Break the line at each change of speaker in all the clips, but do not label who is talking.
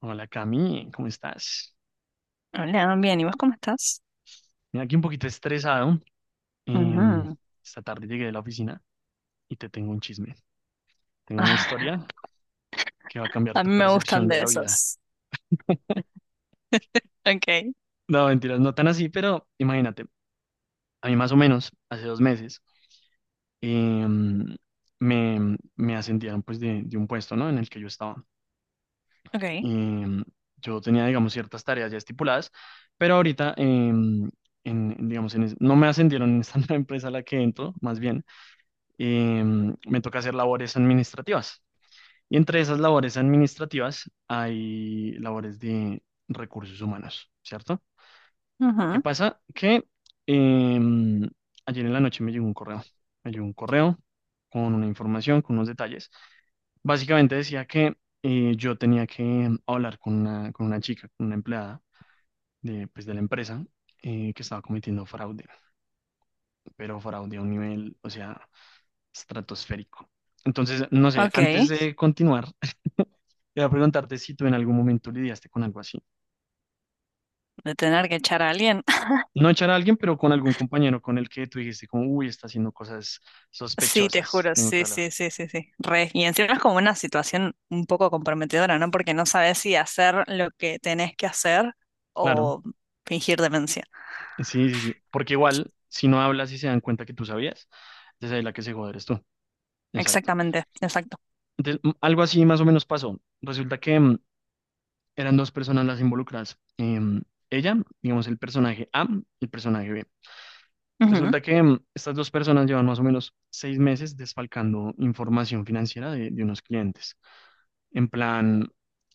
Hola Cami, ¿cómo estás?
Hola, bien, ¿y vos cómo estás?
Mira, aquí un poquito estresado. Em,
Ujú.
Esta tarde llegué de la oficina y te tengo un chisme. Tengo una
Ah,
historia que va a cambiar
a
tu
mí me
percepción
gustan
de
de
la vida.
esos. Okay,
No, mentiras, no tan así, pero imagínate, a mí más o menos, hace 2 meses, em, me ascendieron pues de un puesto, ¿no? En el que yo estaba.
okay.
em, yo tenía, digamos, ciertas tareas ya estipuladas, pero ahorita, em, en, digamos, en es- no me ascendieron en esta nueva empresa a la que entro, más bien, me toca hacer labores administrativas. Y entre esas labores administrativas hay labores de recursos humanos, ¿cierto? ¿Qué
Ujú.
pasa? Que em, ayer en la noche me llegó un correo. Me llegó un correo con una información, con unos detalles. Básicamente decía que yo tenía que hablar con una chica, con una empleada de, pues, de la empresa que estaba cometiendo fraude, pero fraude a un nivel, o sea, estratosférico. Entonces, no sé, antes
Okay,
de continuar, quería preguntarte si tú en algún momento lidiaste con algo así.
de tener que echar a alguien.
No echar a alguien, pero con algún compañero con el que tú dijiste, como, uy, está haciendo cosas
Sí, te
sospechosas,
juro,
tengo que
sí,
hablar.
sí, sí, sí, sí. Re. Y encima es como una situación un poco comprometedora, ¿no? Porque no sabes si hacer lo que tenés que hacer
Claro,
o fingir demencia.
sí, sí, sí. Porque igual, si no hablas y se dan cuenta que tú sabías, entonces ahí la que se joder eres tú. Exacto.
Exactamente, exacto.
Entonces, algo así más o menos pasó. Resulta que eran dos personas las involucradas. Ella, digamos, el personaje A, el personaje B.
Ujú.
Resulta que estas dos personas llevan más o menos 6 meses desfalcando información financiera de unos clientes. En plan,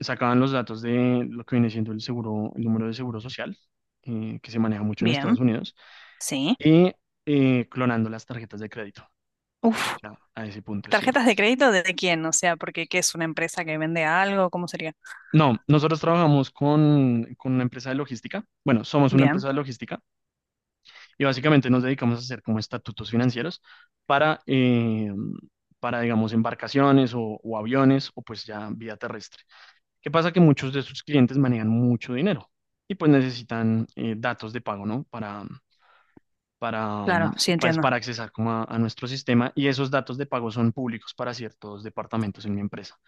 sacaban los datos de lo que viene siendo el seguro, el número de seguro social, que se maneja mucho en Estados
Bien,
Unidos,
sí.
y clonando las tarjetas de crédito. O
Uf,
sea, a ese punto, sí.
¿tarjetas de crédito de quién? O sea, porque ¿qué es una empresa que vende algo? ¿Cómo sería?
No, nosotros trabajamos con una empresa de logística. Bueno, somos una
Bien,
empresa de logística y básicamente nos dedicamos a hacer como estatutos financieros para, eh, para digamos, embarcaciones o, aviones o pues ya vía terrestre. ¿Qué pasa? Que muchos de sus clientes manejan mucho dinero y pues necesitan datos de pago, ¿no? Para, mm,
claro, sí
pues,
entiendo.
para accesar como a nuestro sistema, y esos datos de pago son públicos para ciertos departamentos en mi empresa.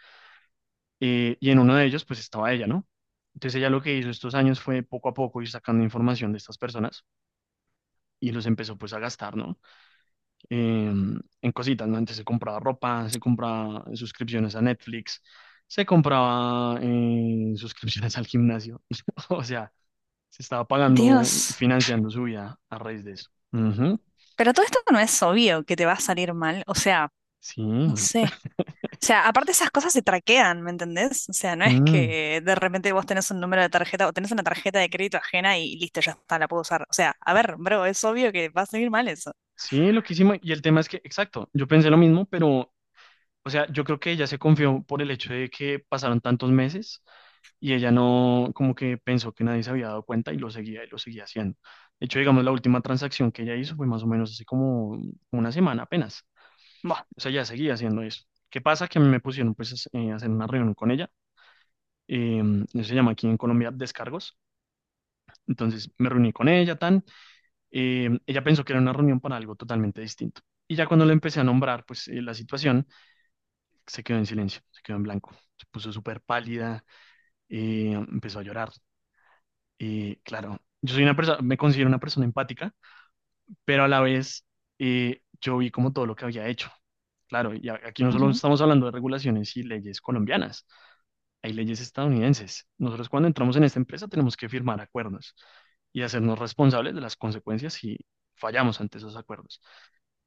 Y en uno de ellos pues estaba ella, ¿no? Entonces ella lo que hizo estos años fue poco a poco ir sacando información de estas personas y los empezó pues a gastar, ¿no? Eh, en cositas, ¿no? Antes se compraba ropa, se compraba suscripciones a Netflix, se compraba suscripciones al gimnasio, o sea, se estaba pagando y
Dios,
financiando su vida a raíz de eso. Ujú.
pero todo esto no es obvio que te va a salir mal, o sea,
Sí.
no sé. O sea, aparte esas cosas se traquean, ¿me entendés? O sea, no es
Mm.
que de repente vos tenés un número de tarjeta o tenés una tarjeta de crédito ajena y listo, ya está, la puedo usar. O sea, a ver, bro, es obvio que va a salir mal eso.
Sí, loquísimo. Y el tema es que, exacto, yo pensé lo mismo, pero, o sea, yo creo que ella se confió por el hecho de que pasaron tantos meses y ella no, como que pensó que nadie se había dado cuenta y lo seguía haciendo. De hecho, digamos, la última transacción que ella hizo fue más o menos hace como una semana apenas.
Buah.
O sea, ya seguía haciendo eso. ¿Qué pasa? Que a mí me pusieron pues a hacer una reunión con ella. Eh, Eso se llama aquí en Colombia descargos. Entonces me reuní con ella, tan. Ella pensó que era una reunión para algo totalmente distinto. Y ya cuando lo empecé a nombrar, pues la situación se quedó en silencio, se quedó en blanco. Se puso súper pálida, empezó a llorar. Y claro, yo soy una persona, me considero una persona empática, pero a la vez yo vi como todo lo que había hecho. Claro, y aquí no solo
Ujú,
estamos hablando de regulaciones y leyes colombianas, hay leyes estadounidenses. Nosotros cuando entramos en esta empresa tenemos que firmar acuerdos y hacernos responsables de las consecuencias si fallamos ante esos acuerdos.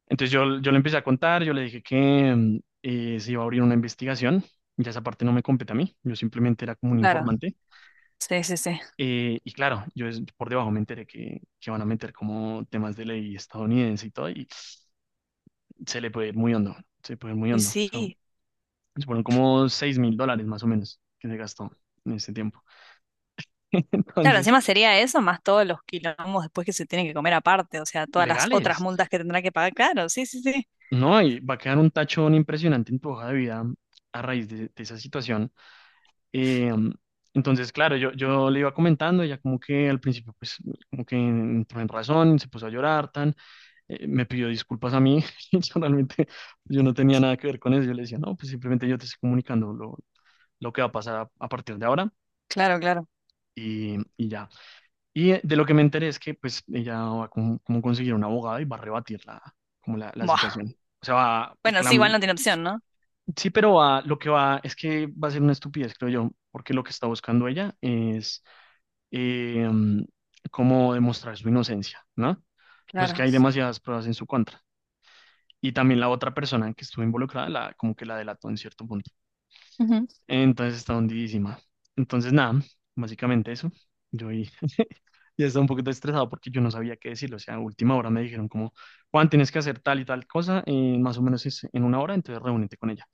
Entonces yo, le empecé a contar. Yo le dije que se iba a abrir una investigación, ya esa parte no me compete a mí, yo simplemente era como un
claro,
informante.
sí, sí, sí.
Y claro, por debajo me enteré que van a meter como temas de ley estadounidense y todo, y se le puede ir muy hondo, se le puede ir muy
Y
hondo. O sea,
sí,
fueron como $6.000 más o menos que se gastó en ese tiempo.
claro, encima sería eso más todos los quilombos después que se tienen que comer aparte, o sea, todas las otras
Legales,
multas que tendrá que pagar, claro, sí, sí, sí.
¿no? Y va a quedar un tachón impresionante en tu hoja de vida a raíz de esa situación. Eh, entonces, claro, yo, le iba comentando. Ella como que al principio, pues, como que entró en razón, se puso a llorar, tan, me pidió disculpas a mí, y yo realmente, yo no tenía nada que ver con eso, yo le decía, no, pues simplemente yo te estoy comunicando lo que va a pasar a partir de ahora.
Claro, claro.
Y ya. Y de lo que me enteré es que pues ella va a como, conseguir un abogado, y va a rebatir la, la
Buah.
situación. O sea, va, a
Bueno, sí, igual
clam
no tiene opción, ¿no?
Sí, pero va, lo que va es que va a ser una estupidez, creo yo, porque lo que está buscando ella es eh, mm, cómo demostrar su inocencia, ¿no? Pues que
Claro.
hay demasiadas pruebas en su contra. Y también la otra persona que estuvo involucrada, la, como que la delató en cierto punto. Entonces está hundidísima. Entonces, nada, básicamente eso. Yo ahí ya estaba un poquito estresado porque yo no sabía qué decirlo. O sea, a última hora me dijeron como, "Juan, tienes que hacer tal y tal cosa, más o menos es en una hora, entonces reúnete con ella".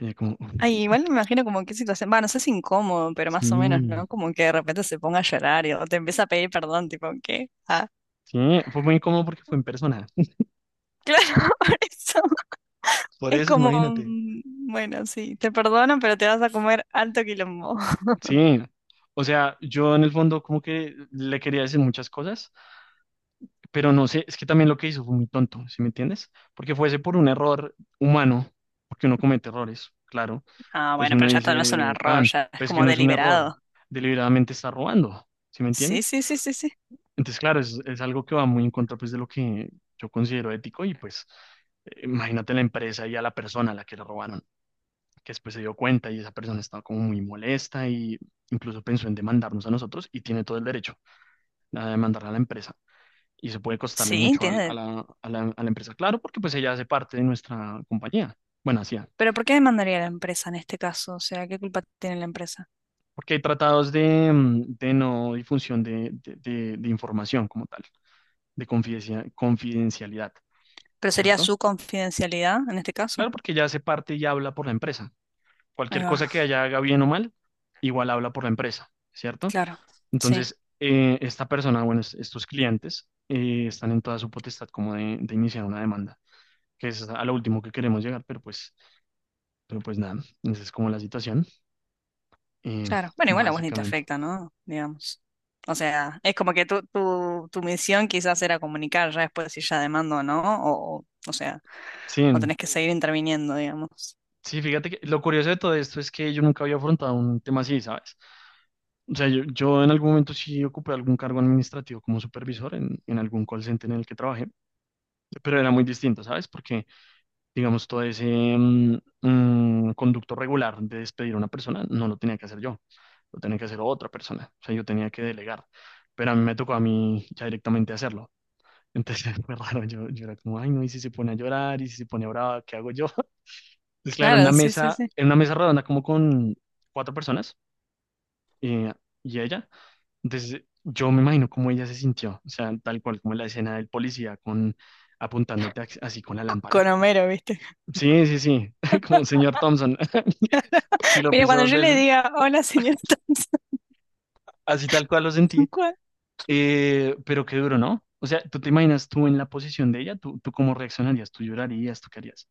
Y yo como, "Uf,
Ay, igual me imagino como qué situación, va, no sé si incómodo, pero más o menos,
sí".
¿no? Como que de repente se ponga a llorar y, o te empieza a pedir perdón, tipo, ¿qué? Ah,
Sí, fue muy incómodo porque fue en persona.
claro, por eso.
Por
Es
eso,
como,
imagínate.
mm, bueno, sí, te perdono, pero te vas a comer alto quilombo.
Sí. O sea, yo en el fondo como que le quería decir muchas cosas, pero no sé, es que también lo que hizo fue muy tonto, ¿sí me entiendes? Porque fuese por un error humano, porque uno comete errores, claro.
Ah,
Pues
bueno,
uno
pero ya esto no es un
dice,
error,
tan,
ya es
pues que
como
no es un error,
deliberado.
deliberadamente está robando, ¿sí me
Sí,
entiendes?
sí, sí, sí, sí.
Entonces, claro, es algo que va muy en contra pues de lo que yo considero ético, y pues imagínate la empresa y a la persona a la que le robaron, que después se dio cuenta, y esa persona estaba como muy molesta y incluso pensó en demandarnos a nosotros, y tiene todo el derecho a demandar a la empresa. Y eso puede costarle
Sí,
mucho al- a,
tiene.
la, a la- a la empresa, claro, porque pues ella hace parte de nuestra compañía. Bueno, hacía,
Pero ¿por qué demandaría la empresa en este caso? O sea, ¿qué culpa tiene la empresa?
porque hay tratados de no difusión de información como tal, de confidencialidad,
¿Pero sería
¿cierto?
su confidencialidad en este caso?
Claro, porque ella hace parte y habla por la empresa.
Ahí
Cualquier
va,
cosa que ella haga bien o mal, igual habla por la empresa, ¿cierto?
claro. Sí.
Entonces, esta persona, bueno, estos clientes están en toda su potestad como de, iniciar una demanda, que es a lo último que queremos llegar, pero pues, nada, esa es como la situación, eh,
Claro. Bueno, igual a vos ni te
básicamente.
afecta, ¿no? Digamos. O sea, es como que tu misión quizás era comunicar ya después si ya demando o no, o sea, o
Sí,
tenés que seguir interviniendo, digamos.
sí, fíjate que lo curioso de todo esto es que yo nunca había afrontado un tema así, ¿sabes? O sea, yo, en algún momento sí ocupé algún cargo administrativo como supervisor en algún call center en el que trabajé, pero era muy distinto, ¿sabes? Porque digamos, todo ese conducto regular de despedir a una persona, no lo tenía que hacer yo, lo tenía que hacer otra persona, o sea, yo tenía que delegar, pero a mí me tocó a mí ya directamente hacerlo. Entonces fue raro, yo, era como, ay no, y si se pone a llorar, y si se pone brava, ¿qué hago yo? Entonces, claro, en una
Claro, sí, sí,
mesa,
sí.
redonda como con cuatro personas eh, y ella, entonces yo me imagino cómo ella se sintió, o sea, tal cual como la escena del policía con apuntándote así con la
Con
lámpara.
Homero, ¿viste?
Sí, sí, sí, como el señor Thompson. Sí, lo
Mira,
piso
cuando
dos
yo le
veces,
diga, hola, señor Thompson",
así tal cual lo sentí,
¿cuál?
pero qué duro, ¿no? O sea, ¿tú te imaginas tú en la posición de ella? ¿Tú, tú cómo reaccionarías? ¿Tú llorarías? ¿Tú qué harías?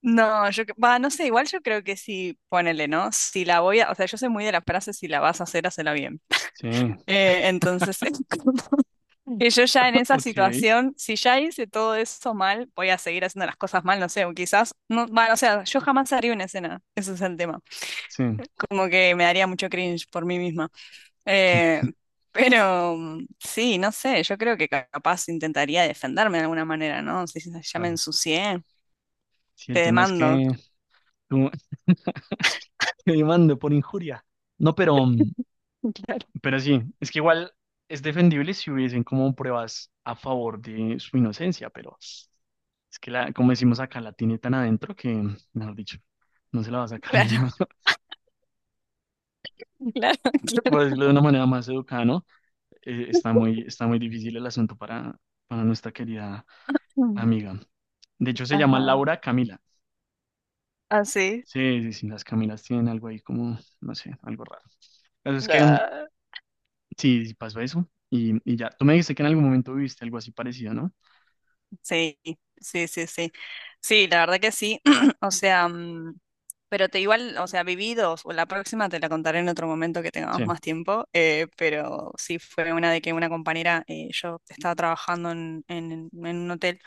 No, yo, va, no sé, igual yo creo que sí, ponele, ¿no? Si la voy a, o sea, yo soy muy de las frases, si la vas a hacer, hacela bien.
Sí,
Entonces, que yo ya en esa
ok,
situación, si ya hice todo eso mal, voy a seguir haciendo las cosas mal, no sé, o quizás, no, bueno, o sea, yo jamás haría una escena, ese es el tema.
sí,
Como que me daría mucho cringe por mí misma. Eh, pero mm, sí, no sé, yo creo que capaz intentaría defenderme de alguna manera, ¿no? Si ya me
claro.
ensucié,
Sí,
te
el tema es
demando.
que tú te demando por injuria. No, pero, mm,
Claro,
pero sí, es que igual es defendible si hubiesen como pruebas a favor de su inocencia, pero es que la, como decimos acá, la tiene tan adentro que, mejor dicho, no se la va a sacar ni en
claro,
medio,
claro, claro.
por decirlo de una manera más educada, ¿no? Está muy, difícil el asunto para nuestra querida
Mm.
amiga. De hecho, se llama
Ajá,
Laura Camila.
así.
Sí, sí, sí, las Camilas tienen algo ahí como, no sé, algo raro. Pero es que sí, sí pasó eso, y ya. Tú me dijiste que en algún momento viviste algo así parecido, ¿no?
Sí, sí, sí, sí. Sí, la verdad que sí. O sea, mm, pero te igual, o sea, viví dos, o la próxima te la contaré en otro momento que tengamos
Sí,
más tiempo, pero sí fue una de que una compañera, yo estaba trabajando en, en un hotel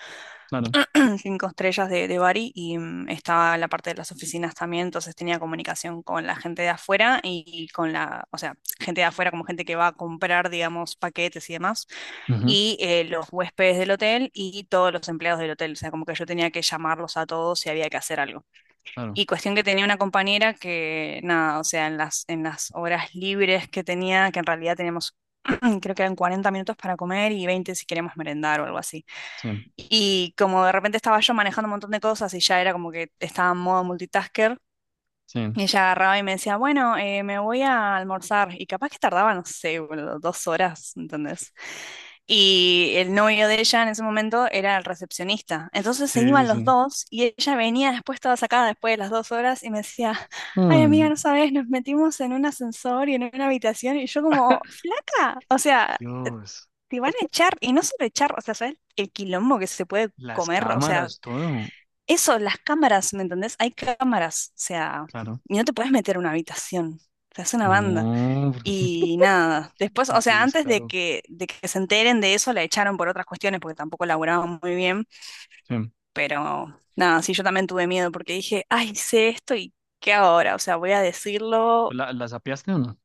claro.
cinco estrellas de Bari y mm, estaba la parte de las oficinas también, entonces tenía comunicación con la gente de afuera y con la, o sea, gente de afuera como gente que va a comprar, digamos, paquetes y demás
Ujú,
y los huéspedes del hotel y todos los empleados del hotel. O sea, como que yo tenía que llamarlos a todos si había que hacer algo.
claro.
Y cuestión que tenía una compañera que, nada, o sea, en las horas libres que tenía, que en realidad teníamos, creo que eran 40 minutos para comer y 20 si queríamos merendar o algo así.
Sí,
Y como de repente estaba yo manejando un montón de cosas y ya era como que estaba en modo multitasker,
sí,
y ella agarraba y me decía, bueno, me voy a almorzar. Y capaz que tardaba, no sé, boludo, dos horas, ¿entendés? Y el novio de ella en ese momento era el recepcionista. Entonces se
sí, sí,
iban los
sí.
dos y ella venía después toda sacada después de las dos horas y me decía, ay amiga,
Mm.
no sabes, nos metimos en un ascensor y en una habitación y yo como, flaca, o sea,
Dios,
te van a echar y no solo echar, o sea, ¿sabes el quilombo que se puede
las
comer? O sea,
cámaras, todo.
eso, las cámaras, ¿me entendés? Hay cámaras, o sea,
Claro.
y no te puedes meter a una habitación, te hace una banda.
No,
Y nada, después, o
qué
sea, antes
descaro.
de que se enteren de eso, la echaron por otras cuestiones, porque tampoco laburaban muy bien,
Sí.
pero nada, sí, yo también tuve miedo, porque dije, ay, sé esto y ¿qué ahora? O sea, voy a decirlo.
¿Las apiaste o no?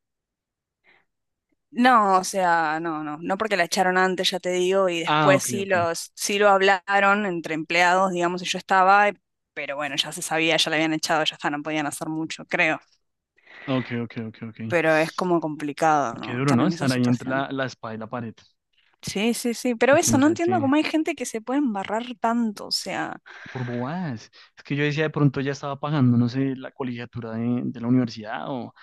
No, o sea, no, no, no porque la echaron antes, ya te digo, y
Ah,
después
ok,
sí
ok.
los, sí lo hablaron entre empleados, digamos, y yo estaba, pero bueno, ya se sabía, ya la habían echado, ya está, no podían hacer mucho, creo.
Ok, ok, ok, ok.
Pero es como complicado,
Qué
¿no?
duro,
Estar
¿no?
en esa
Estar ahí entre la,
situación.
la espada y la pared.
Sí, sí, sí, pero
Y que
eso,
no
no
sea el
entiendo
que...
cómo hay gente que se puede embarrar tanto, o sea,
Por bobadas. Es que yo decía, de pronto ya estaba pagando, no sé, la colegiatura de la universidad, o,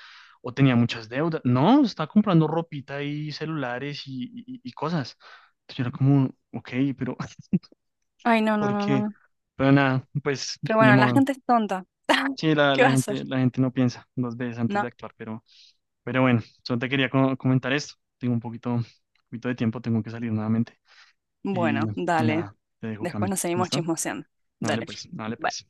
o tenía muchas deudas. No, estaba comprando ropita y celulares y cosas. Entonces yo era como, ok, pero
ay, no, no,
¿por
no, no,
qué?
no.
Pero nada, pues
Pero
ni
bueno, la
modo.
gente es tonta.
Sí, la,
¿Qué
la
va a hacer?
gente, la gente no piensa dos veces antes
No.
de actuar, pero bueno, solo te quería comentar esto. Tengo un poquito de tiempo, tengo que salir nuevamente.
Bueno,
Y, y
dale,
nada, te dejo,
después
Cami.
nos seguimos
¿Listo?
chismoseando.
Dale
Dale.
pues, dale pues.